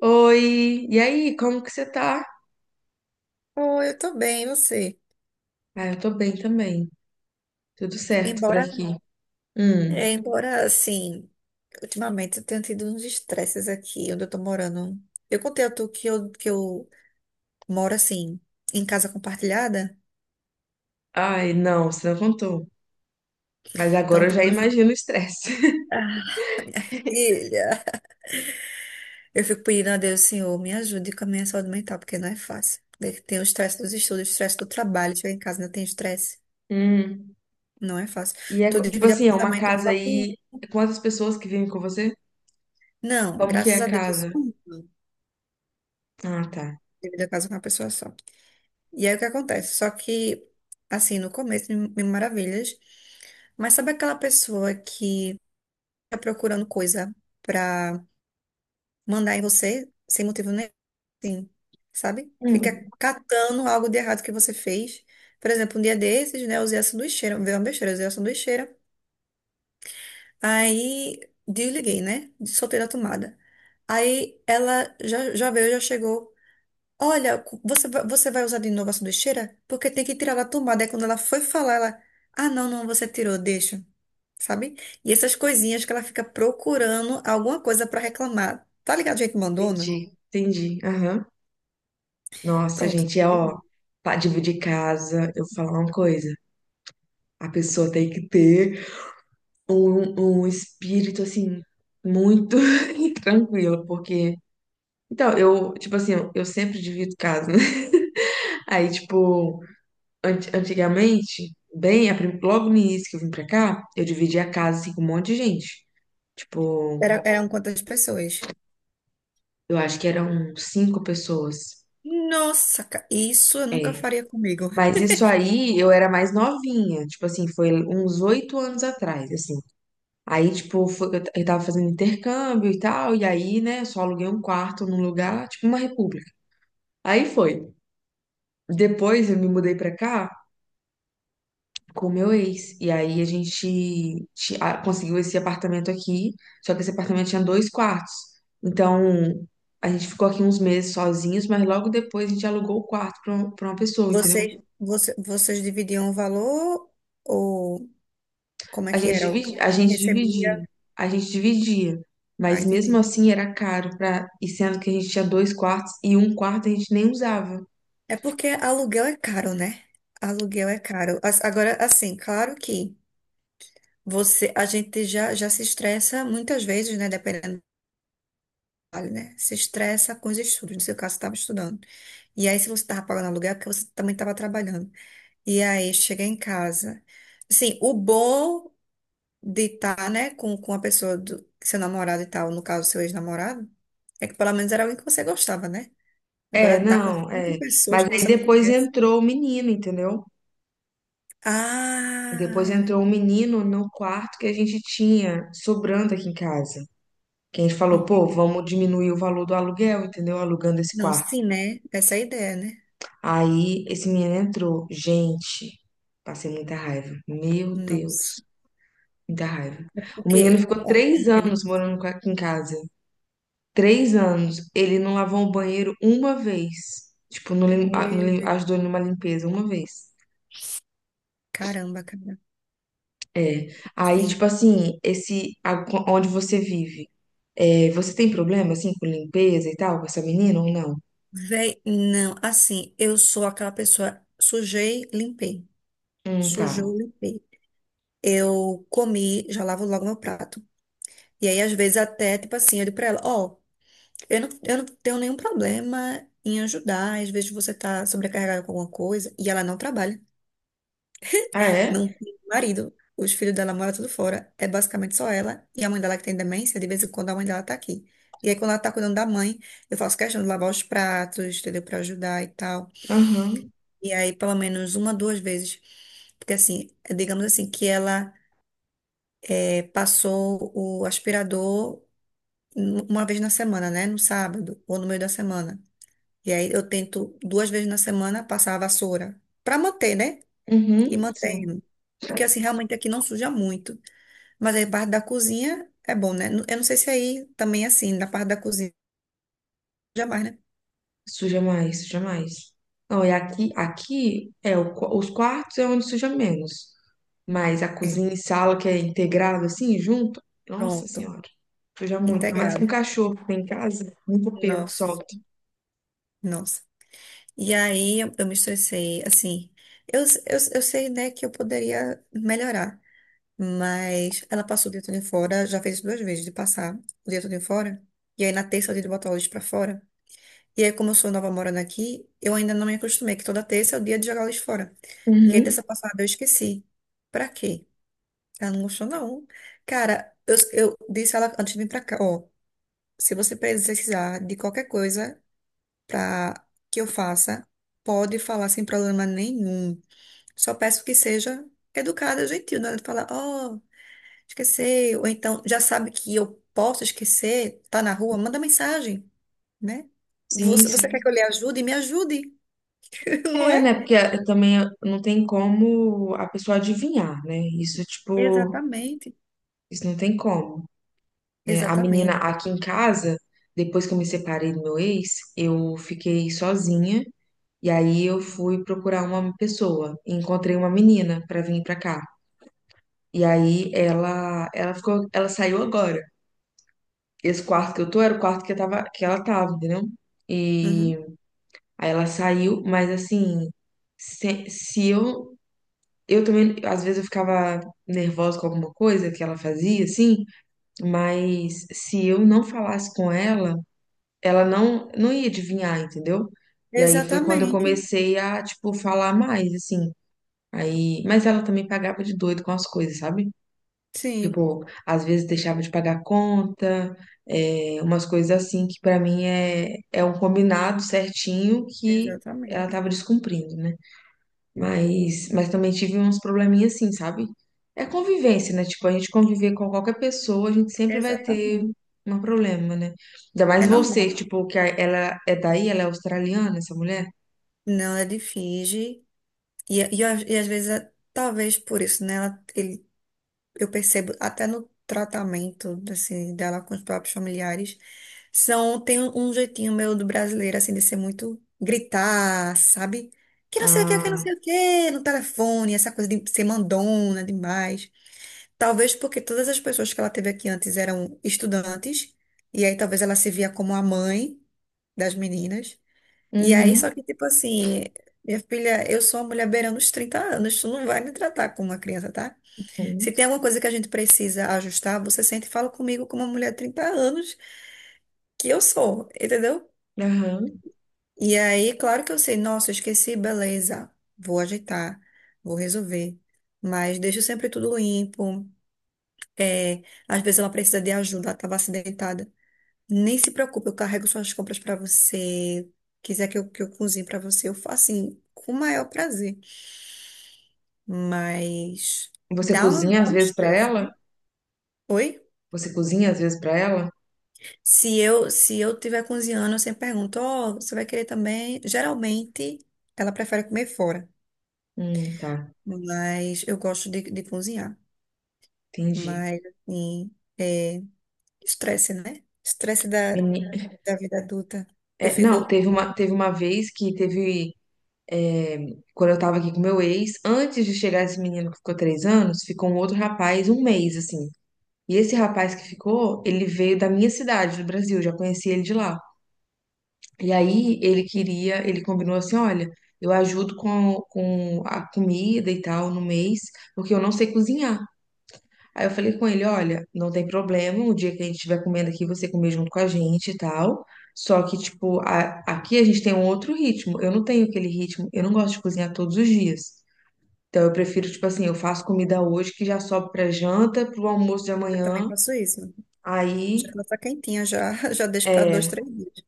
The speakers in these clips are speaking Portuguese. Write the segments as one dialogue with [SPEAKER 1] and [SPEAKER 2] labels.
[SPEAKER 1] Oi, e aí, como que você tá?
[SPEAKER 2] Oh, eu tô bem, e você?
[SPEAKER 1] Ah, eu tô bem também. Tudo certo por
[SPEAKER 2] Embora,
[SPEAKER 1] aqui. Hum.
[SPEAKER 2] embora assim, ultimamente eu tenho tido uns estresses aqui onde eu tô morando. Eu contei a tu que eu moro assim, em casa compartilhada.
[SPEAKER 1] Ai, não, você não contou. Mas
[SPEAKER 2] Então,
[SPEAKER 1] agora eu já
[SPEAKER 2] tipo assim,
[SPEAKER 1] imagino o estresse.
[SPEAKER 2] ah, filha, eu fico pedindo a Deus, Senhor, me ajude com a minha saúde mental, porque não é fácil. Tem o estresse dos estudos, o estresse do trabalho, chegar em casa ainda tem estresse.
[SPEAKER 1] Hum.
[SPEAKER 2] Não é fácil.
[SPEAKER 1] E é,
[SPEAKER 2] Tu
[SPEAKER 1] tipo
[SPEAKER 2] divide
[SPEAKER 1] assim, é uma
[SPEAKER 2] apartamento
[SPEAKER 1] casa
[SPEAKER 2] só com um?
[SPEAKER 1] aí. Quantas pessoas que vivem com você?
[SPEAKER 2] Não,
[SPEAKER 1] Como que é
[SPEAKER 2] graças
[SPEAKER 1] a
[SPEAKER 2] a Deus é
[SPEAKER 1] casa?
[SPEAKER 2] só um.
[SPEAKER 1] Ah, tá.
[SPEAKER 2] Divide a casa com uma pessoa só. E aí o que acontece? Só que, assim, no começo, mil maravilhas. Mas sabe aquela pessoa que tá procurando coisa pra mandar em você sem motivo nenhum, assim, sabe? Fica
[SPEAKER 1] Hum.
[SPEAKER 2] catando algo de errado que você fez. Por exemplo, um dia desses, né, eu usei a sanduicheira, veio uma besteira, eu usei a sanduicheira. Aí desliguei, né? Soltei da tomada. Aí ela já veio, já chegou. Olha, você vai usar de novo a sanduicheira? Porque tem que tirar da tomada. Aí quando ela foi falar, ela. Ah, não, não, você tirou, deixa. Sabe? E essas coisinhas que ela fica procurando alguma coisa pra reclamar. Tá ligado, gente mandona?
[SPEAKER 1] Entendi, entendi. Aham. Nossa,
[SPEAKER 2] Pronto.
[SPEAKER 1] gente, é ó, pra dividir casa, eu vou falar uma coisa. A pessoa tem que ter um espírito assim, muito tranquilo, porque. Então, eu, tipo assim, eu sempre divido casa, né? Aí, tipo, antigamente, bem, logo no início que eu vim pra cá, eu dividia a casa assim, com um monte de gente. Tipo,
[SPEAKER 2] Eram quantas pessoas?
[SPEAKER 1] eu acho que eram cinco pessoas.
[SPEAKER 2] Nossa, isso eu nunca
[SPEAKER 1] É.
[SPEAKER 2] faria comigo.
[SPEAKER 1] Mas isso aí, eu era mais novinha. Tipo assim, foi uns 8 anos atrás, assim. Aí, tipo, eu tava fazendo intercâmbio e tal, e aí, né, só aluguei um quarto num lugar, tipo uma república. Aí foi. Depois eu me mudei pra cá com o meu ex. E aí a gente conseguiu esse apartamento aqui, só que esse apartamento tinha dois quartos. Então a gente ficou aqui uns meses sozinhos, mas logo depois a gente alugou o quarto para uma pra uma pessoa, entendeu?
[SPEAKER 2] Vocês dividiam o valor ou como é
[SPEAKER 1] A
[SPEAKER 2] que
[SPEAKER 1] gente
[SPEAKER 2] era? O que
[SPEAKER 1] dividia, a
[SPEAKER 2] quem
[SPEAKER 1] gente
[SPEAKER 2] recebia?
[SPEAKER 1] dividia, a gente dividia.
[SPEAKER 2] Ah,
[SPEAKER 1] Mas mesmo
[SPEAKER 2] entendi.
[SPEAKER 1] assim era caro para, e sendo que a gente tinha dois quartos e um quarto a gente nem usava.
[SPEAKER 2] É porque aluguel é caro, né? Aluguel é caro. Agora, assim, claro que a gente já se estressa muitas vezes, né? Dependendo do trabalho, né? Se estressa com os estudos. No seu caso, você estava estudando. E aí, se você estava pagando aluguel, é porque você também estava trabalhando. E aí, chega em casa. Assim, o bom de estar, né, com a pessoa do seu namorado e tal, no caso, seu ex-namorado, é que pelo menos era alguém que você gostava, né?
[SPEAKER 1] É,
[SPEAKER 2] Agora tá com
[SPEAKER 1] não,
[SPEAKER 2] cinco
[SPEAKER 1] é.
[SPEAKER 2] pessoas
[SPEAKER 1] Mas
[SPEAKER 2] que
[SPEAKER 1] aí
[SPEAKER 2] você não
[SPEAKER 1] depois
[SPEAKER 2] conhece.
[SPEAKER 1] entrou o menino, entendeu? Depois
[SPEAKER 2] Ah!
[SPEAKER 1] entrou um menino no quarto que a gente tinha sobrando aqui em casa. Que a gente falou, pô,
[SPEAKER 2] Entendi.
[SPEAKER 1] vamos diminuir o valor do aluguel, entendeu? Alugando esse
[SPEAKER 2] Não,
[SPEAKER 1] quarto.
[SPEAKER 2] sim, né? Essa é a ideia, né?
[SPEAKER 1] Aí esse menino entrou. Gente, passei muita raiva. Meu
[SPEAKER 2] Nossa.
[SPEAKER 1] Deus, muita raiva.
[SPEAKER 2] É
[SPEAKER 1] O menino
[SPEAKER 2] porque
[SPEAKER 1] ficou
[SPEAKER 2] homem
[SPEAKER 1] três
[SPEAKER 2] é
[SPEAKER 1] anos
[SPEAKER 2] difícil.
[SPEAKER 1] morando aqui em casa. 3 anos. Ele não lavou o banheiro uma vez. Tipo, não,
[SPEAKER 2] Meu Deus.
[SPEAKER 1] ajudou numa limpeza uma vez.
[SPEAKER 2] Caramba, cara.
[SPEAKER 1] É. Aí,
[SPEAKER 2] Assim,
[SPEAKER 1] tipo assim, onde você vive. É, você tem problema, assim, com limpeza e tal, com essa menina ou não?
[SPEAKER 2] véi, não, assim, eu sou aquela pessoa, sujei, limpei.
[SPEAKER 1] Tá.
[SPEAKER 2] Sujou, limpei. Eu comi, já lavo logo meu prato. E aí, às vezes, até, tipo assim, eu digo pra ela, ó, eu não tenho nenhum problema em ajudar, às vezes você tá sobrecarregada com alguma coisa, e ela não trabalha.
[SPEAKER 1] Ah,
[SPEAKER 2] Não
[SPEAKER 1] é?
[SPEAKER 2] tem marido. Os filhos dela moram tudo fora. É basicamente só ela. E a mãe dela que tem demência, de vez em quando a mãe dela tá aqui. E aí, quando ela tá cuidando da mãe, eu faço questão de lavar os pratos, entendeu? Pra ajudar e tal.
[SPEAKER 1] Aham.
[SPEAKER 2] E aí, pelo menos uma, duas vezes. Porque assim, digamos assim, que ela passou o aspirador uma vez na semana, né? No sábado ou no meio da semana. E aí eu tento duas vezes na semana passar a vassoura. Pra manter, né? E
[SPEAKER 1] Uhum, sim.
[SPEAKER 2] mantendo. Porque assim, realmente aqui não suja muito. Mas aí parte da cozinha é bom, né? Eu não sei se aí também é assim, na parte da cozinha jamais, né?
[SPEAKER 1] Suja mais, suja mais. Não, e aqui, aqui é os quartos é onde suja menos. Mas a
[SPEAKER 2] É,
[SPEAKER 1] cozinha e sala que é integrado assim, junto, nossa
[SPEAKER 2] pronto,
[SPEAKER 1] senhora, suja muito. Ainda mais com
[SPEAKER 2] integrado.
[SPEAKER 1] cachorro que tem em casa, muito pelo que
[SPEAKER 2] Nossa,
[SPEAKER 1] solta.
[SPEAKER 2] nossa. E aí eu me estressei, assim. Eu sei, né, que eu poderia melhorar, mas ela passou o dia todo em fora, já fez isso duas vezes de passar o dia todo em fora. E aí na terça é o dia de botar o lixo pra fora. E aí, como eu sou nova morando aqui, eu ainda não me acostumei, que toda terça é o dia de jogar o lixo fora. E aí,
[SPEAKER 1] Uhum.
[SPEAKER 2] terça passada eu esqueci. Pra quê? Ela não gostou, não. Cara, eu disse a ela antes de vir pra cá, ó, se você precisar de qualquer coisa pra que eu faça, pode falar sem problema nenhum. Só peço que seja educada, gentil, não é de falar, ó, esqueci, ou então já sabe que eu posso esquecer, tá na rua, manda mensagem, né?
[SPEAKER 1] Sim,
[SPEAKER 2] Você quer que eu
[SPEAKER 1] sim.
[SPEAKER 2] lhe ajude? Me ajude, não
[SPEAKER 1] É, né?
[SPEAKER 2] é?
[SPEAKER 1] Porque também não tem como a pessoa adivinhar, né? Isso, tipo,
[SPEAKER 2] Exatamente,
[SPEAKER 1] isso não tem como, né? A menina
[SPEAKER 2] exatamente.
[SPEAKER 1] aqui em casa, depois que eu me separei do meu ex, eu fiquei sozinha e aí eu fui procurar uma pessoa e encontrei uma menina pra vir pra cá. E aí ela ficou, ela saiu agora. Esse quarto que eu tô era o quarto que eu tava, que ela tava, entendeu?
[SPEAKER 2] Uhum.
[SPEAKER 1] E aí ela saiu, mas assim, se eu também às vezes eu ficava nervosa com alguma coisa que ela fazia assim, mas se eu não falasse com ela, ela não ia adivinhar, entendeu? E aí foi quando eu
[SPEAKER 2] Exatamente,
[SPEAKER 1] comecei a, tipo, falar mais, assim. Aí, mas ela também pagava de doido com as coisas, sabe?
[SPEAKER 2] sim,
[SPEAKER 1] Tipo, às vezes deixava de pagar conta, é, umas coisas assim que pra mim é um combinado certinho que ela
[SPEAKER 2] exatamente,
[SPEAKER 1] tava descumprindo, né? Mas também tive uns probleminhas assim, sabe? É convivência, né? Tipo, a gente conviver com qualquer pessoa, a gente sempre vai ter
[SPEAKER 2] exatamente.
[SPEAKER 1] um problema, né? Ainda
[SPEAKER 2] É
[SPEAKER 1] mais
[SPEAKER 2] normal.
[SPEAKER 1] você, tipo, ela é daí, ela é australiana, essa mulher?
[SPEAKER 2] Não, ela finge. E às vezes, talvez por isso, né? Eu percebo até no tratamento assim, dela com os próprios familiares, são, tem um jeitinho meio do brasileiro, assim, de ser muito gritar, sabe? Que não sei o que, que não
[SPEAKER 1] Ah,
[SPEAKER 2] sei o que, no telefone, essa coisa de ser mandona demais. Talvez porque todas as pessoas que ela teve aqui antes eram estudantes, e aí talvez ela se via como a mãe das meninas. E aí, só
[SPEAKER 1] uhum.
[SPEAKER 2] que, tipo assim, minha filha, eu sou uma mulher beirando os 30 anos, tu não vai me tratar como uma criança, tá?
[SPEAKER 1] Uhum,
[SPEAKER 2] Se tem alguma coisa que a gente precisa ajustar, você sente e fala comigo como uma mulher de 30 anos, que eu sou, entendeu?
[SPEAKER 1] aham.
[SPEAKER 2] E aí, claro que eu sei, nossa, eu esqueci, beleza, vou ajeitar, vou resolver. Mas deixo sempre tudo limpo. É, às vezes ela precisa de ajuda, ela estava acidentada. Nem se preocupe, eu carrego suas compras para você. Quiser que eu cozinhe para você, eu faço assim, com o maior prazer. Mas
[SPEAKER 1] Você
[SPEAKER 2] dá, um,
[SPEAKER 1] cozinha às
[SPEAKER 2] dá um
[SPEAKER 1] vezes pra
[SPEAKER 2] estresse,
[SPEAKER 1] ela?
[SPEAKER 2] né? Oi?
[SPEAKER 1] Você cozinha às vezes pra ela?
[SPEAKER 2] Se eu tiver cozinhando, eu sempre pergunto, ó, você vai querer também? Geralmente, ela prefere comer fora,
[SPEAKER 1] Tá,
[SPEAKER 2] mas eu gosto de cozinhar.
[SPEAKER 1] entendi.
[SPEAKER 2] Mas, assim, é estresse, né? Estresse da,
[SPEAKER 1] Meni-
[SPEAKER 2] da vida adulta. Eu
[SPEAKER 1] é, não,
[SPEAKER 2] fico,
[SPEAKER 1] teve uma vez que é, quando eu tava aqui com meu ex, antes de chegar esse menino que ficou 3 anos, ficou um outro rapaz um mês, assim. E esse rapaz que ficou, ele veio da minha cidade, do Brasil, já conheci ele de lá. E aí ele queria, ele combinou assim, olha, eu ajudo com a comida e tal no mês, porque eu não sei cozinhar. Aí eu falei com ele, olha, não tem problema, o dia que a gente estiver comendo aqui, você comer junto com a gente e tal. Só que, tipo, aqui a gente tem um outro ritmo. Eu não tenho aquele ritmo, eu não gosto de cozinhar todos os dias. Então eu prefiro, tipo assim, eu faço comida hoje que já sobe pra janta, pro almoço de
[SPEAKER 2] eu também
[SPEAKER 1] amanhã.
[SPEAKER 2] faço isso. Já
[SPEAKER 1] Aí.
[SPEAKER 2] faço a quentinha, já, já deixo para dois,
[SPEAKER 1] É,
[SPEAKER 2] três dias.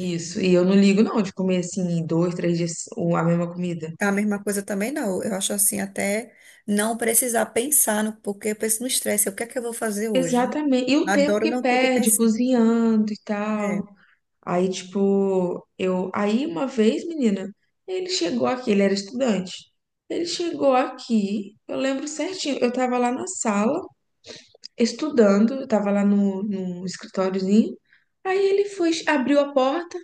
[SPEAKER 1] isso, e eu não ligo não de comer assim dois, três dias a mesma comida.
[SPEAKER 2] A mesma coisa também não. Eu acho assim, até não precisar pensar no porque eu penso no estresse. O que é que eu vou fazer hoje?
[SPEAKER 1] Exatamente. E o tempo
[SPEAKER 2] Adoro
[SPEAKER 1] que
[SPEAKER 2] não ter que
[SPEAKER 1] perde
[SPEAKER 2] pensar.
[SPEAKER 1] cozinhando e tal.
[SPEAKER 2] É,
[SPEAKER 1] Aí, tipo, eu. Aí, uma vez, menina, ele chegou aqui, ele era estudante. Ele chegou aqui, eu lembro certinho. Eu tava lá na sala, estudando, eu tava lá no escritóriozinho. Aí ele foi, abriu a porta.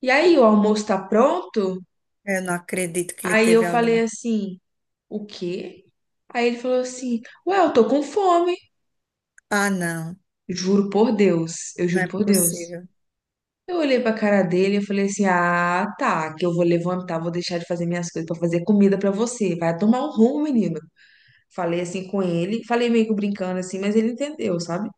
[SPEAKER 1] E aí, o almoço tá pronto?
[SPEAKER 2] eu não acredito que ele
[SPEAKER 1] Aí eu
[SPEAKER 2] teve
[SPEAKER 1] falei
[SPEAKER 2] aula.
[SPEAKER 1] assim. O quê? Aí ele falou assim: Ué, eu tô com fome.
[SPEAKER 2] Ah, não,
[SPEAKER 1] Juro por Deus, eu
[SPEAKER 2] não
[SPEAKER 1] juro
[SPEAKER 2] é
[SPEAKER 1] por Deus.
[SPEAKER 2] possível.
[SPEAKER 1] Eu olhei pra cara dele e falei assim: Ah, tá, que eu vou levantar, vou deixar de fazer minhas coisas pra fazer comida pra você. Vai tomar um rumo, menino. Falei assim com ele, falei meio que brincando assim, mas ele entendeu, sabe?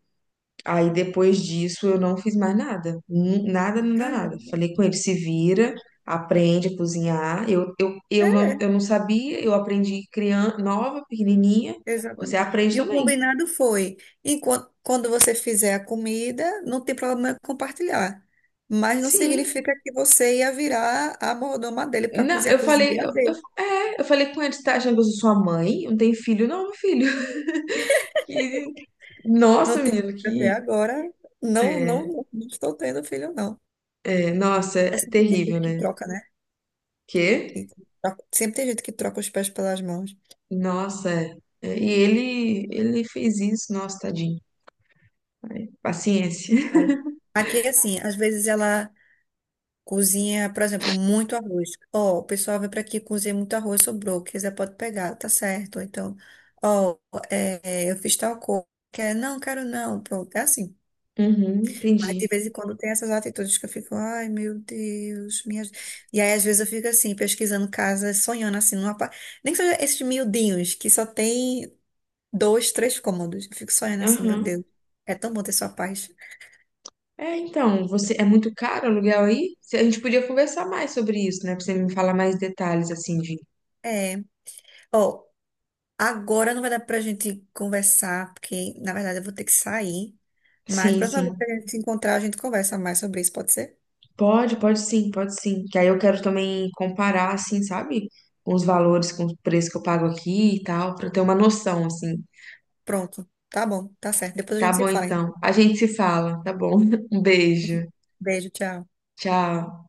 [SPEAKER 1] Aí depois disso eu não fiz mais nada. Nada, nada, nada.
[SPEAKER 2] Caramba.
[SPEAKER 1] Falei com ele: se vira, aprende a cozinhar. Eu, não,
[SPEAKER 2] É,
[SPEAKER 1] eu não sabia, eu aprendi criança, nova, pequenininha. Você
[SPEAKER 2] exatamente.
[SPEAKER 1] aprende
[SPEAKER 2] E o
[SPEAKER 1] também.
[SPEAKER 2] combinado foi, quando você fizer a comida, não tem problema em compartilhar. Mas não
[SPEAKER 1] Sim.
[SPEAKER 2] significa que você ia virar a mordoma dele para
[SPEAKER 1] Não,
[SPEAKER 2] cozinhar
[SPEAKER 1] eu
[SPEAKER 2] a
[SPEAKER 1] falei,
[SPEAKER 2] cozinha.
[SPEAKER 1] eu falei com ele, tá achando que eu sou sua mãe? Eu não tem filho? Não, meu filho. Que-
[SPEAKER 2] Não
[SPEAKER 1] nossa,
[SPEAKER 2] tive
[SPEAKER 1] menino,
[SPEAKER 2] filho até
[SPEAKER 1] que.
[SPEAKER 2] agora. Não, não,
[SPEAKER 1] É,
[SPEAKER 2] não, não estou tendo filho, não.
[SPEAKER 1] é, nossa, é
[SPEAKER 2] É sempre tem
[SPEAKER 1] terrível,
[SPEAKER 2] gente que
[SPEAKER 1] né?
[SPEAKER 2] troca, né?
[SPEAKER 1] Que?
[SPEAKER 2] Que Sempre tem gente que troca os pés pelas mãos.
[SPEAKER 1] Nossa, é. É, e ele fez isso, nossa, tadinho. Paciência.
[SPEAKER 2] Mas aqui, assim, às vezes ela cozinha, por exemplo, muito arroz. Ó, o pessoal vem para aqui cozinha muito arroz, sobrou. Quiser pode pegar, tá certo. Ou então, ó, é, eu fiz tal coisa. Quer? Não, quero não. Pronto, é assim.
[SPEAKER 1] Uhum,
[SPEAKER 2] Mas de
[SPEAKER 1] entendi.
[SPEAKER 2] vez em quando tem essas atitudes que eu fico, ai meu Deus, minha... E aí às vezes eu fico assim, pesquisando casas, sonhando assim, nem que seja esses miudinhos que só tem dois, três cômodos. Eu fico sonhando assim, meu
[SPEAKER 1] Aham.
[SPEAKER 2] Deus, é tão bom ter sua paz.
[SPEAKER 1] É, então, você é muito caro o aluguel aí? A gente podia conversar mais sobre isso, né? Pra você me falar mais detalhes, assim, de.
[SPEAKER 2] É, ó, agora não vai dar pra gente conversar, porque na verdade eu vou ter que sair, mas da
[SPEAKER 1] Sim,
[SPEAKER 2] próxima vez que
[SPEAKER 1] sim.
[SPEAKER 2] a gente se encontrar, a gente conversa mais sobre isso, pode ser?
[SPEAKER 1] Pode, pode sim, pode sim. Que aí eu quero também comparar, assim, sabe? Com os valores, com o preço que eu pago aqui e tal, pra eu ter uma noção, assim.
[SPEAKER 2] Pronto, tá bom, tá certo, depois a
[SPEAKER 1] Tá
[SPEAKER 2] gente se
[SPEAKER 1] bom,
[SPEAKER 2] fala.
[SPEAKER 1] então. A gente se fala, tá bom? Um beijo.
[SPEAKER 2] Beijo, tchau.
[SPEAKER 1] Tchau.